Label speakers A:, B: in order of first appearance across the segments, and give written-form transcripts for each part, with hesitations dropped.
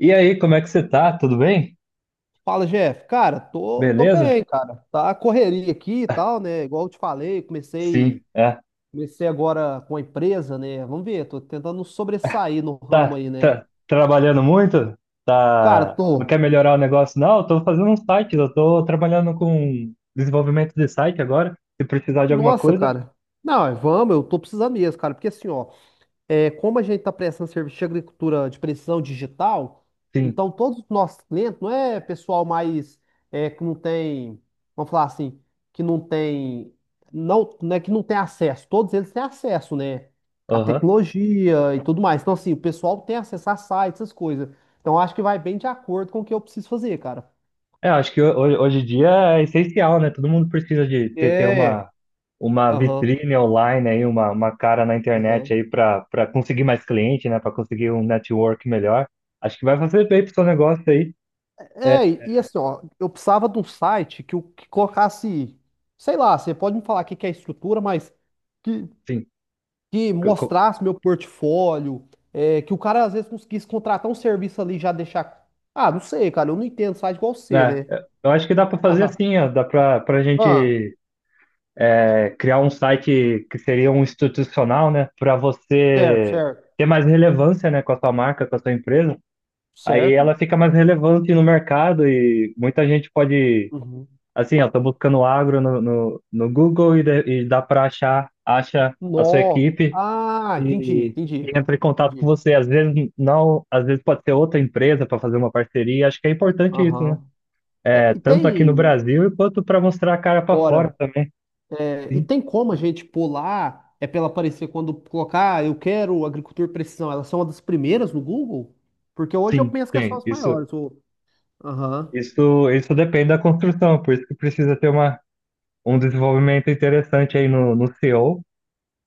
A: E aí, como é que você tá? Tudo bem?
B: Fala, Jeff. Cara, tô
A: Beleza?
B: bem, cara. Tá a correria aqui e tal, né? Igual eu te falei,
A: Sim, é.
B: comecei agora com a empresa, né? Vamos ver, tô tentando sobressair no ramo
A: Tá,
B: aí, né?
A: tá trabalhando muito?
B: Cara,
A: Tá. Não quer
B: tô.
A: melhorar o negócio? Não, eu tô fazendo um site, eu tô trabalhando com desenvolvimento de site agora. Se precisar de alguma
B: Nossa,
A: coisa,
B: cara. Não, é, vamos, eu tô precisando mesmo, cara, porque assim, ó. É, como a gente está prestando serviço de agricultura de precisão digital,
A: sim.
B: então todos os nossos clientes, não é pessoal mais é, que não tem, vamos falar assim, que não tem, não, é que não tem acesso, todos eles têm acesso, né? À
A: Aham.
B: tecnologia e tudo mais. Então, assim, o pessoal tem acesso a sites, essas coisas. Então, acho que vai bem de acordo com o que eu preciso fazer, cara.
A: É, acho que hoje, hoje em dia é essencial, né? Todo mundo precisa de ter, ter uma,
B: É,
A: uma
B: aham,
A: vitrine online aí, uma cara na internet
B: aham.
A: aí para conseguir mais cliente, né? Para conseguir um network melhor. Acho que vai fazer bem pro seu negócio aí. É,
B: É, e assim, ó, eu precisava de um site que, que colocasse, sei lá, você pode me falar o que que é estrutura, mas que,
A: sim,
B: que mostrasse meu portfólio, é, que o cara às vezes conseguisse contratar um serviço ali e já deixar. Ah, não sei, cara, eu não entendo site igual você,
A: né?
B: né?
A: Eu acho que dá para fazer
B: Ah,
A: assim, ó, dá para a
B: ah,
A: gente criar um site que seria um institucional, né? Para
B: certo,
A: você
B: certo,
A: ter mais relevância, né, com a sua marca, com a sua empresa. Aí
B: certo.
A: ela fica mais relevante no mercado e muita gente pode,
B: Uhum.
A: assim, ó, tô buscando agro no Google e, dá para achar, acha a sua
B: Nó.
A: equipe
B: Ah,
A: e, e entra em contato com
B: entendi.
A: você. Às vezes não, às vezes pode ser outra empresa para fazer uma parceria. Acho que é importante isso, né?
B: Aham. É,
A: É,
B: e
A: tanto aqui no
B: tem
A: Brasil quanto para mostrar a cara para fora
B: hora.
A: também.
B: É, e
A: Sim,
B: tem como a gente pular, é pra ela aparecer quando colocar, "Ah, eu quero agricultura e precisão. Elas são uma das primeiras no Google?" Porque hoje eu
A: sim,
B: penso que é só
A: tem.
B: as
A: Isso,
B: maiores. Aham,
A: isso depende da construção, por isso que precisa ter uma, um desenvolvimento interessante aí no CEO.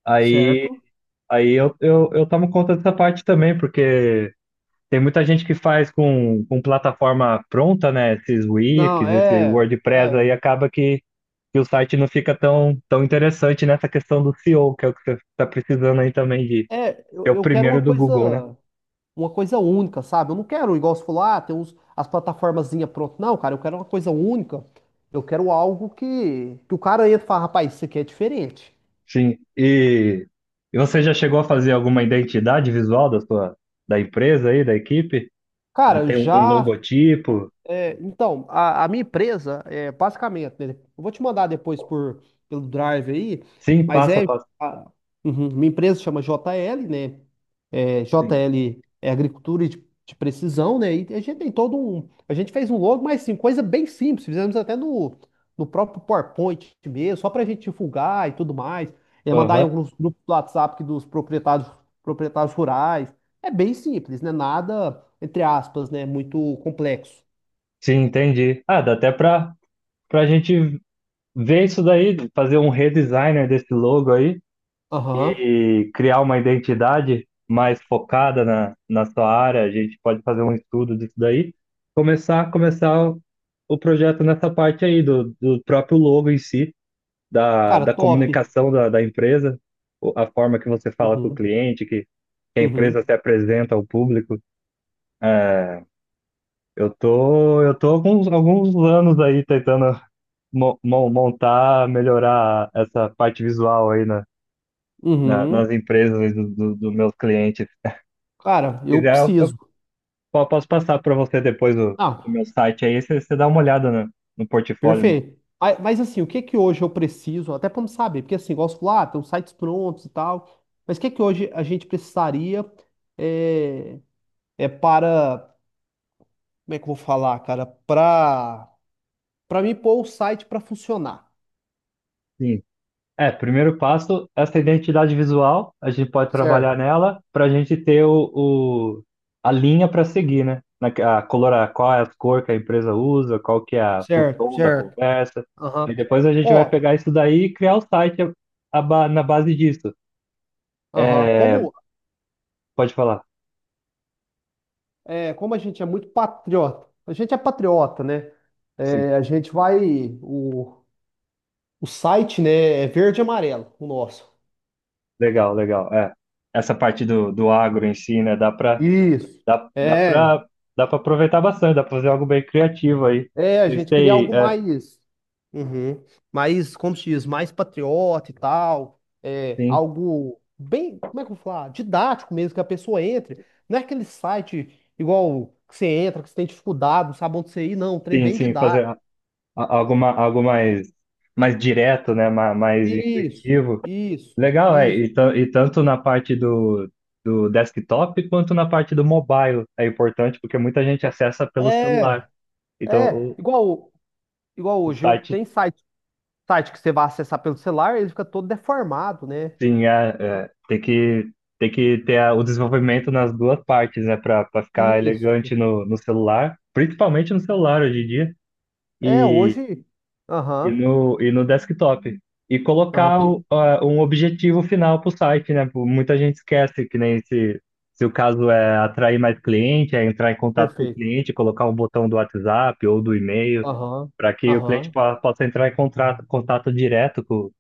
A: Aí,
B: certo?
A: aí eu tomo conta dessa parte também, porque tem muita gente que faz com plataforma pronta, né? Esses Wix,
B: Não,
A: esse
B: é,
A: WordPress aí,
B: é,
A: acaba que o site não fica tão interessante nessa questão do CEO, que é o que você está precisando aí também de
B: é, eu,
A: ser o
B: eu quero
A: primeiro do Google, né?
B: uma coisa única, sabe? Eu não quero igual você falou, ah, tem uns, as plataformazinhas pronto. Não, cara, eu quero uma coisa única. Eu quero algo que o cara entra e fala, rapaz, isso aqui é diferente.
A: Sim. E você já chegou a fazer alguma identidade visual da sua da empresa aí, da equipe? Ah,
B: Cara,
A: tem um, um
B: já
A: logotipo?
B: é, então, a minha empresa, é, basicamente, né, eu vou te mandar depois por, pelo Drive aí,
A: Sim,
B: mas
A: passa,
B: é,
A: passa.
B: a, uhum, minha empresa chama JL, né? É,
A: Sim.
B: JL é agricultura de precisão, né? E a gente tem todo um, a gente fez um logo, mas sim, coisa bem simples, fizemos até no, no próprio PowerPoint mesmo, só para a gente divulgar e tudo mais, é, mandar em
A: Aham.
B: alguns grupos do WhatsApp que dos proprietários, proprietários rurais, é bem simples, né? Nada, entre aspas, né? Muito complexo.
A: Sim, entendi. Ah, dá até para para gente ver isso daí, fazer um redesigner desse logo aí
B: Aham.
A: e criar uma identidade mais focada na, na sua área. A gente pode fazer um estudo disso daí, começar o projeto nessa parte aí do, do próprio logo em si da,
B: Cara,
A: da
B: top.
A: comunicação da, da empresa, a forma que você fala com o
B: Uhum,
A: cliente, que a empresa
B: uhum,
A: se apresenta ao público. É, eu tô alguns, alguns anos aí tentando montar, melhorar essa parte visual aí na, nas
B: uhum.
A: empresas aí do, do, dos meus clientes. Se
B: Cara, eu
A: quiser, eu
B: preciso.
A: posso passar para você depois o
B: Ah,
A: meu site aí, você dá uma olhada no, no portfólio.
B: perfeito. Mas, assim, o que que hoje eu preciso? Até para saber, porque assim, gosto lá, tem uns sites prontos e tal. Mas o que que hoje a gente precisaria é, é para, como é que eu vou falar, cara? Para mim pôr o site para funcionar.
A: Sim, é, primeiro passo, essa identidade visual, a gente pode trabalhar
B: Certo,
A: nela para a gente ter a linha para seguir, né? Na, a color, qual é a cor que a empresa usa, qual que é o tom da
B: certo.
A: conversa. Aí
B: Aham.
A: depois a gente vai
B: Ó,
A: pegar isso daí e criar o site na base disso.
B: aham.
A: É, pode falar.
B: Como a gente é muito patriota, a gente é patriota, né?
A: Sim,
B: É, a gente vai. O site, né? É verde e amarelo, o nosso.
A: legal, legal. É. Essa parte do, do agro em si, né?
B: Isso.
A: Dá, dá
B: É.
A: para dá para aproveitar bastante, dá para fazer algo bem criativo aí.
B: É, a
A: Vocês
B: gente queria
A: têm,
B: algo
A: é,
B: mais. Uhum. Mais, como se diz, mais patriota e tal. É,
A: sim.
B: algo bem, como é que eu vou falar? Didático mesmo, que a pessoa entre. Não é aquele site igual que você entra, que você tem dificuldade, não sabe onde você ir, não. Um trem
A: Sim,
B: bem
A: sim, fazer
B: didático.
A: algo, algo mais, mais direto, né? Mais,
B: Isso,
A: intuitivo.
B: isso,
A: Legal, é.
B: isso.
A: E, tanto na parte do, do desktop quanto na parte do mobile é importante, porque muita gente acessa pelo celular.
B: É.
A: Então,
B: É, igual, igual
A: o
B: hoje, eu
A: site,
B: tem site, site que você vai acessar pelo celular, ele fica todo deformado, né?
A: sim, é, é, tem que ter o desenvolvimento nas duas partes, né? Para ficar elegante
B: Isso.
A: no, no celular, principalmente no celular hoje em dia.
B: É, hoje. Aham.
A: E no desktop. E
B: Aham,
A: colocar
B: porque.
A: um objetivo final para o site, né? Pô, muita gente esquece que nem se o caso é atrair mais cliente, é entrar em contato com o
B: Perfeito.
A: cliente, colocar um botão do WhatsApp ou do e-mail,
B: Aham.
A: para que o cliente
B: Aham.
A: possa entrar em contato, contato direto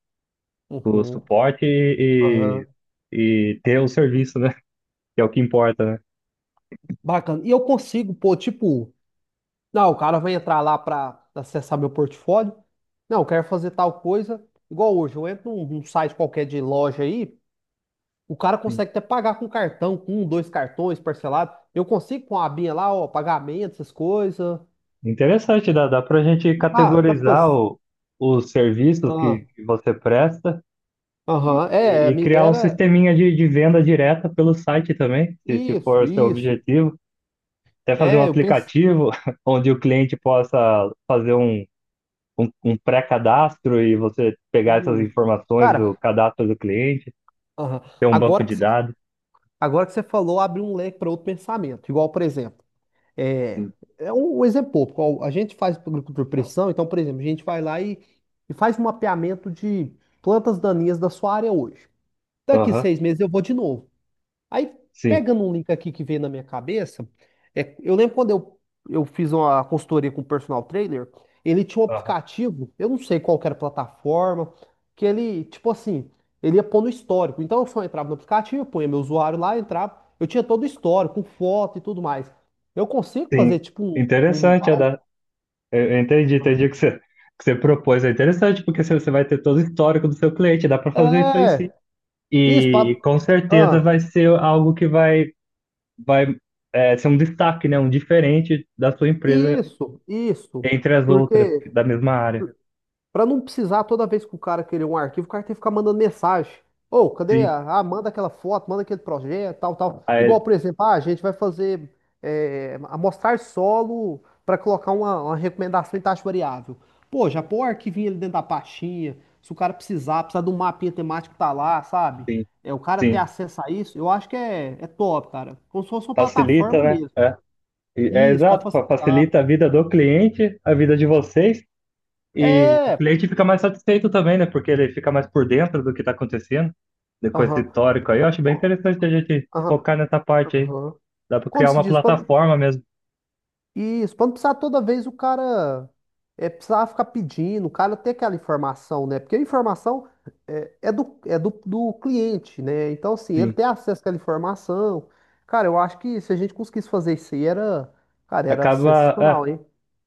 A: com o
B: Uhum.
A: suporte
B: Aham.
A: e ter o serviço, né? Que é o que importa, né?
B: Bacana. E eu consigo, pô, tipo, não, o cara vai entrar lá pra acessar meu portfólio. Não, eu quero fazer tal coisa. Igual hoje, eu entro num, num site qualquer de loja aí, o cara
A: Sim.
B: consegue até pagar com cartão, com um, dois cartões parcelado. Eu consigo com a abinha lá, ó, pagamento, essas coisas.
A: Interessante, dá para a gente
B: Ah, da
A: categorizar
B: pos...
A: o, os serviços
B: ah,
A: que você presta e,
B: aham, é, me
A: criar um
B: dera
A: sisteminha de venda direta pelo site também, se for
B: isso,
A: o seu
B: isso.
A: objetivo. Até fazer um
B: É, eu penso.
A: aplicativo onde o cliente possa fazer um pré-cadastro e você pegar essas
B: Hum,
A: informações do
B: cara,
A: cadastro do cliente,
B: aham.
A: ter um banco
B: Agora que
A: de
B: você,
A: dados.
B: agora que você falou, abre um leque para outro pensamento. Igual, por exemplo, é, é um exemplo pouco. Ó, a gente faz agricultura de precisão, então, por exemplo, a gente vai lá e faz um mapeamento de plantas daninhas da sua área hoje. Daqui
A: Aham,
B: 6 meses eu vou de novo. Aí,
A: sim.
B: pegando um link aqui que veio na minha cabeça, é, eu lembro quando eu fiz uma consultoria com o personal trainer, ele tinha um
A: Aham,
B: aplicativo, eu não sei qual que era a plataforma, que ele, tipo assim, ele ia pôr no histórico. Então, eu só entrava no aplicativo, eu punha meu usuário lá, entrava, eu tinha todo o histórico, com foto e tudo mais. Eu consigo
A: sim.
B: fazer, tipo, um
A: Interessante, Adá.
B: algo-
A: Eu entendi, entendi o que você propôs. É interessante, porque você vai ter todo o histórico do seu cliente, dá para fazer isso aí sim.
B: é, isso, pra,
A: E com certeza
B: ah,
A: vai ser algo que vai é, ser um destaque, né? Um diferente da sua empresa
B: isso,
A: entre as outras
B: porque...
A: da mesma área.
B: Pra não precisar toda vez que o cara querer um arquivo, o cara tem que ficar mandando mensagem. Ô, cadê
A: Sim,
B: a... Ah, manda aquela foto, manda aquele projeto, tal, tal. Igual,
A: aí,
B: por exemplo, ah, a gente vai fazer é, amostrar solo para colocar uma recomendação em taxa variável. Pô, já põe o arquivinho ali dentro da pastinha. Se o cara precisar de um mapinha temático, tá lá, sabe?
A: sim,
B: É, o cara ter
A: sim.
B: acesso a isso, eu acho que é, é top, cara. Como se fosse uma
A: Facilita,
B: plataforma
A: né?
B: mesmo.
A: É, é
B: Isso, pra
A: exato,
B: facilitar.
A: facilita a vida do cliente, a vida de vocês, e o
B: É!
A: cliente fica mais satisfeito também, né? Porque ele fica mais por dentro do que está acontecendo, com esse
B: Aham.
A: histórico aí. Eu acho bem interessante a gente
B: Aham.
A: focar nessa parte aí.
B: Aham.
A: Dá para
B: Como
A: criar
B: se
A: uma
B: diz? Pra-
A: plataforma mesmo.
B: isso, pra não precisar toda vez o cara é, precisar ficar pedindo, o cara ter aquela informação, né? Porque a informação é, é do, do cliente, né? Então, assim, ele
A: Sim.
B: tem acesso àquela informação. Cara, eu acho que se a gente conseguisse fazer isso aí, era, cara, era
A: Acaba, é,
B: sensacional, hein?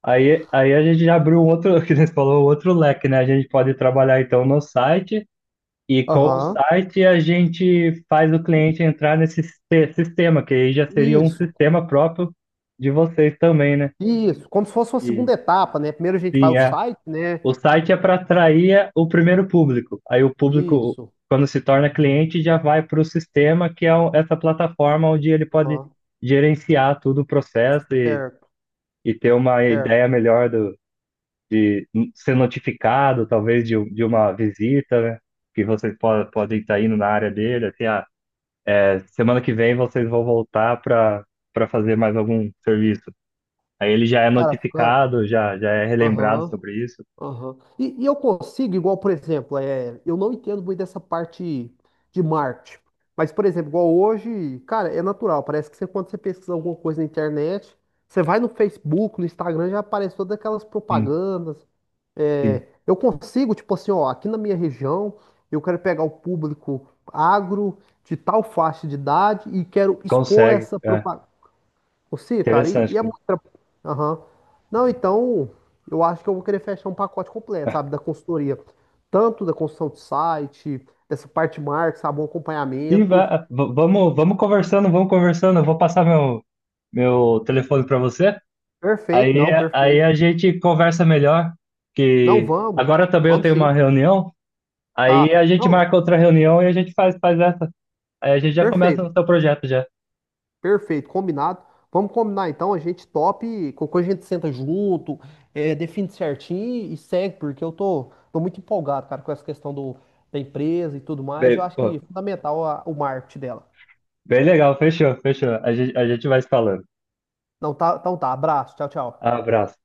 A: aí, a gente já abriu um outro, que você falou, um outro leque, né? A gente pode trabalhar então no site e com o
B: Aham.
A: site a gente faz o cliente entrar nesse sistema, que aí já seria um
B: Isso,
A: sistema próprio de vocês também, né?
B: isso. Como se fosse uma
A: E
B: segunda etapa, né? Primeiro a gente faz
A: sim,
B: o
A: é.
B: site, né?
A: O site é para atrair o primeiro público. Aí o público,
B: Isso.
A: quando se torna cliente, já vai para o sistema, que é essa plataforma onde ele pode
B: Aham.
A: gerenciar todo o processo
B: Certo,
A: e ter uma
B: certo.
A: ideia melhor ser notificado, talvez, de uma visita, né? Que vocês podem estar indo na área dele, assim, ah, é, semana que vem vocês vão voltar para fazer mais algum serviço. Aí ele já é
B: Cara, ficando.
A: notificado, já, já é relembrado
B: Aham.
A: sobre isso.
B: Aham. E, eu consigo, igual, por exemplo, é, eu não entendo muito dessa parte de marketing. Mas, por exemplo, igual hoje, cara, é natural. Parece que você, quando você pesquisa alguma coisa na internet, você vai no Facebook, no Instagram, já aparece todas aquelas
A: Sim,
B: propagandas.
A: sim,
B: É, eu consigo, tipo assim, ó, aqui na minha região, eu quero pegar o público agro de tal faixa de idade e quero expor
A: consegue.
B: essa
A: É,
B: propaganda. Você, cara,
A: interessante,
B: e é
A: cara.
B: muito. Tra- aham. Não, então, eu acho que eu vou querer fechar um pacote completo, sabe, da consultoria. Tanto da construção de site, dessa parte de marketing, sabe, um
A: Sim,
B: acompanhamento.
A: vamos, vamos conversando, vamos conversando. Eu vou passar meu, meu telefone para você. Aí
B: Perfeito.
A: a gente conversa melhor,
B: Não,
A: que
B: vamos.
A: agora também eu
B: Vamos
A: tenho uma
B: sim.
A: reunião. Aí a
B: Tá.
A: gente marca
B: Não,
A: outra reunião e a gente faz, faz essa. Aí a gente já começa no
B: perfeito.
A: seu projeto já.
B: Perfeito, combinado. Vamos combinar então, a gente top, qualquer coisa a gente senta junto, é, define certinho e segue, porque eu tô muito empolgado, cara, com essa questão do, da empresa e tudo mais. Eu
A: Bem,
B: acho
A: pô,
B: que é fundamental o marketing dela.
A: bem legal, fechou, fechou. A gente vai se falando.
B: Não, tá, então tá. Abraço. Tchau, tchau.
A: Abraço.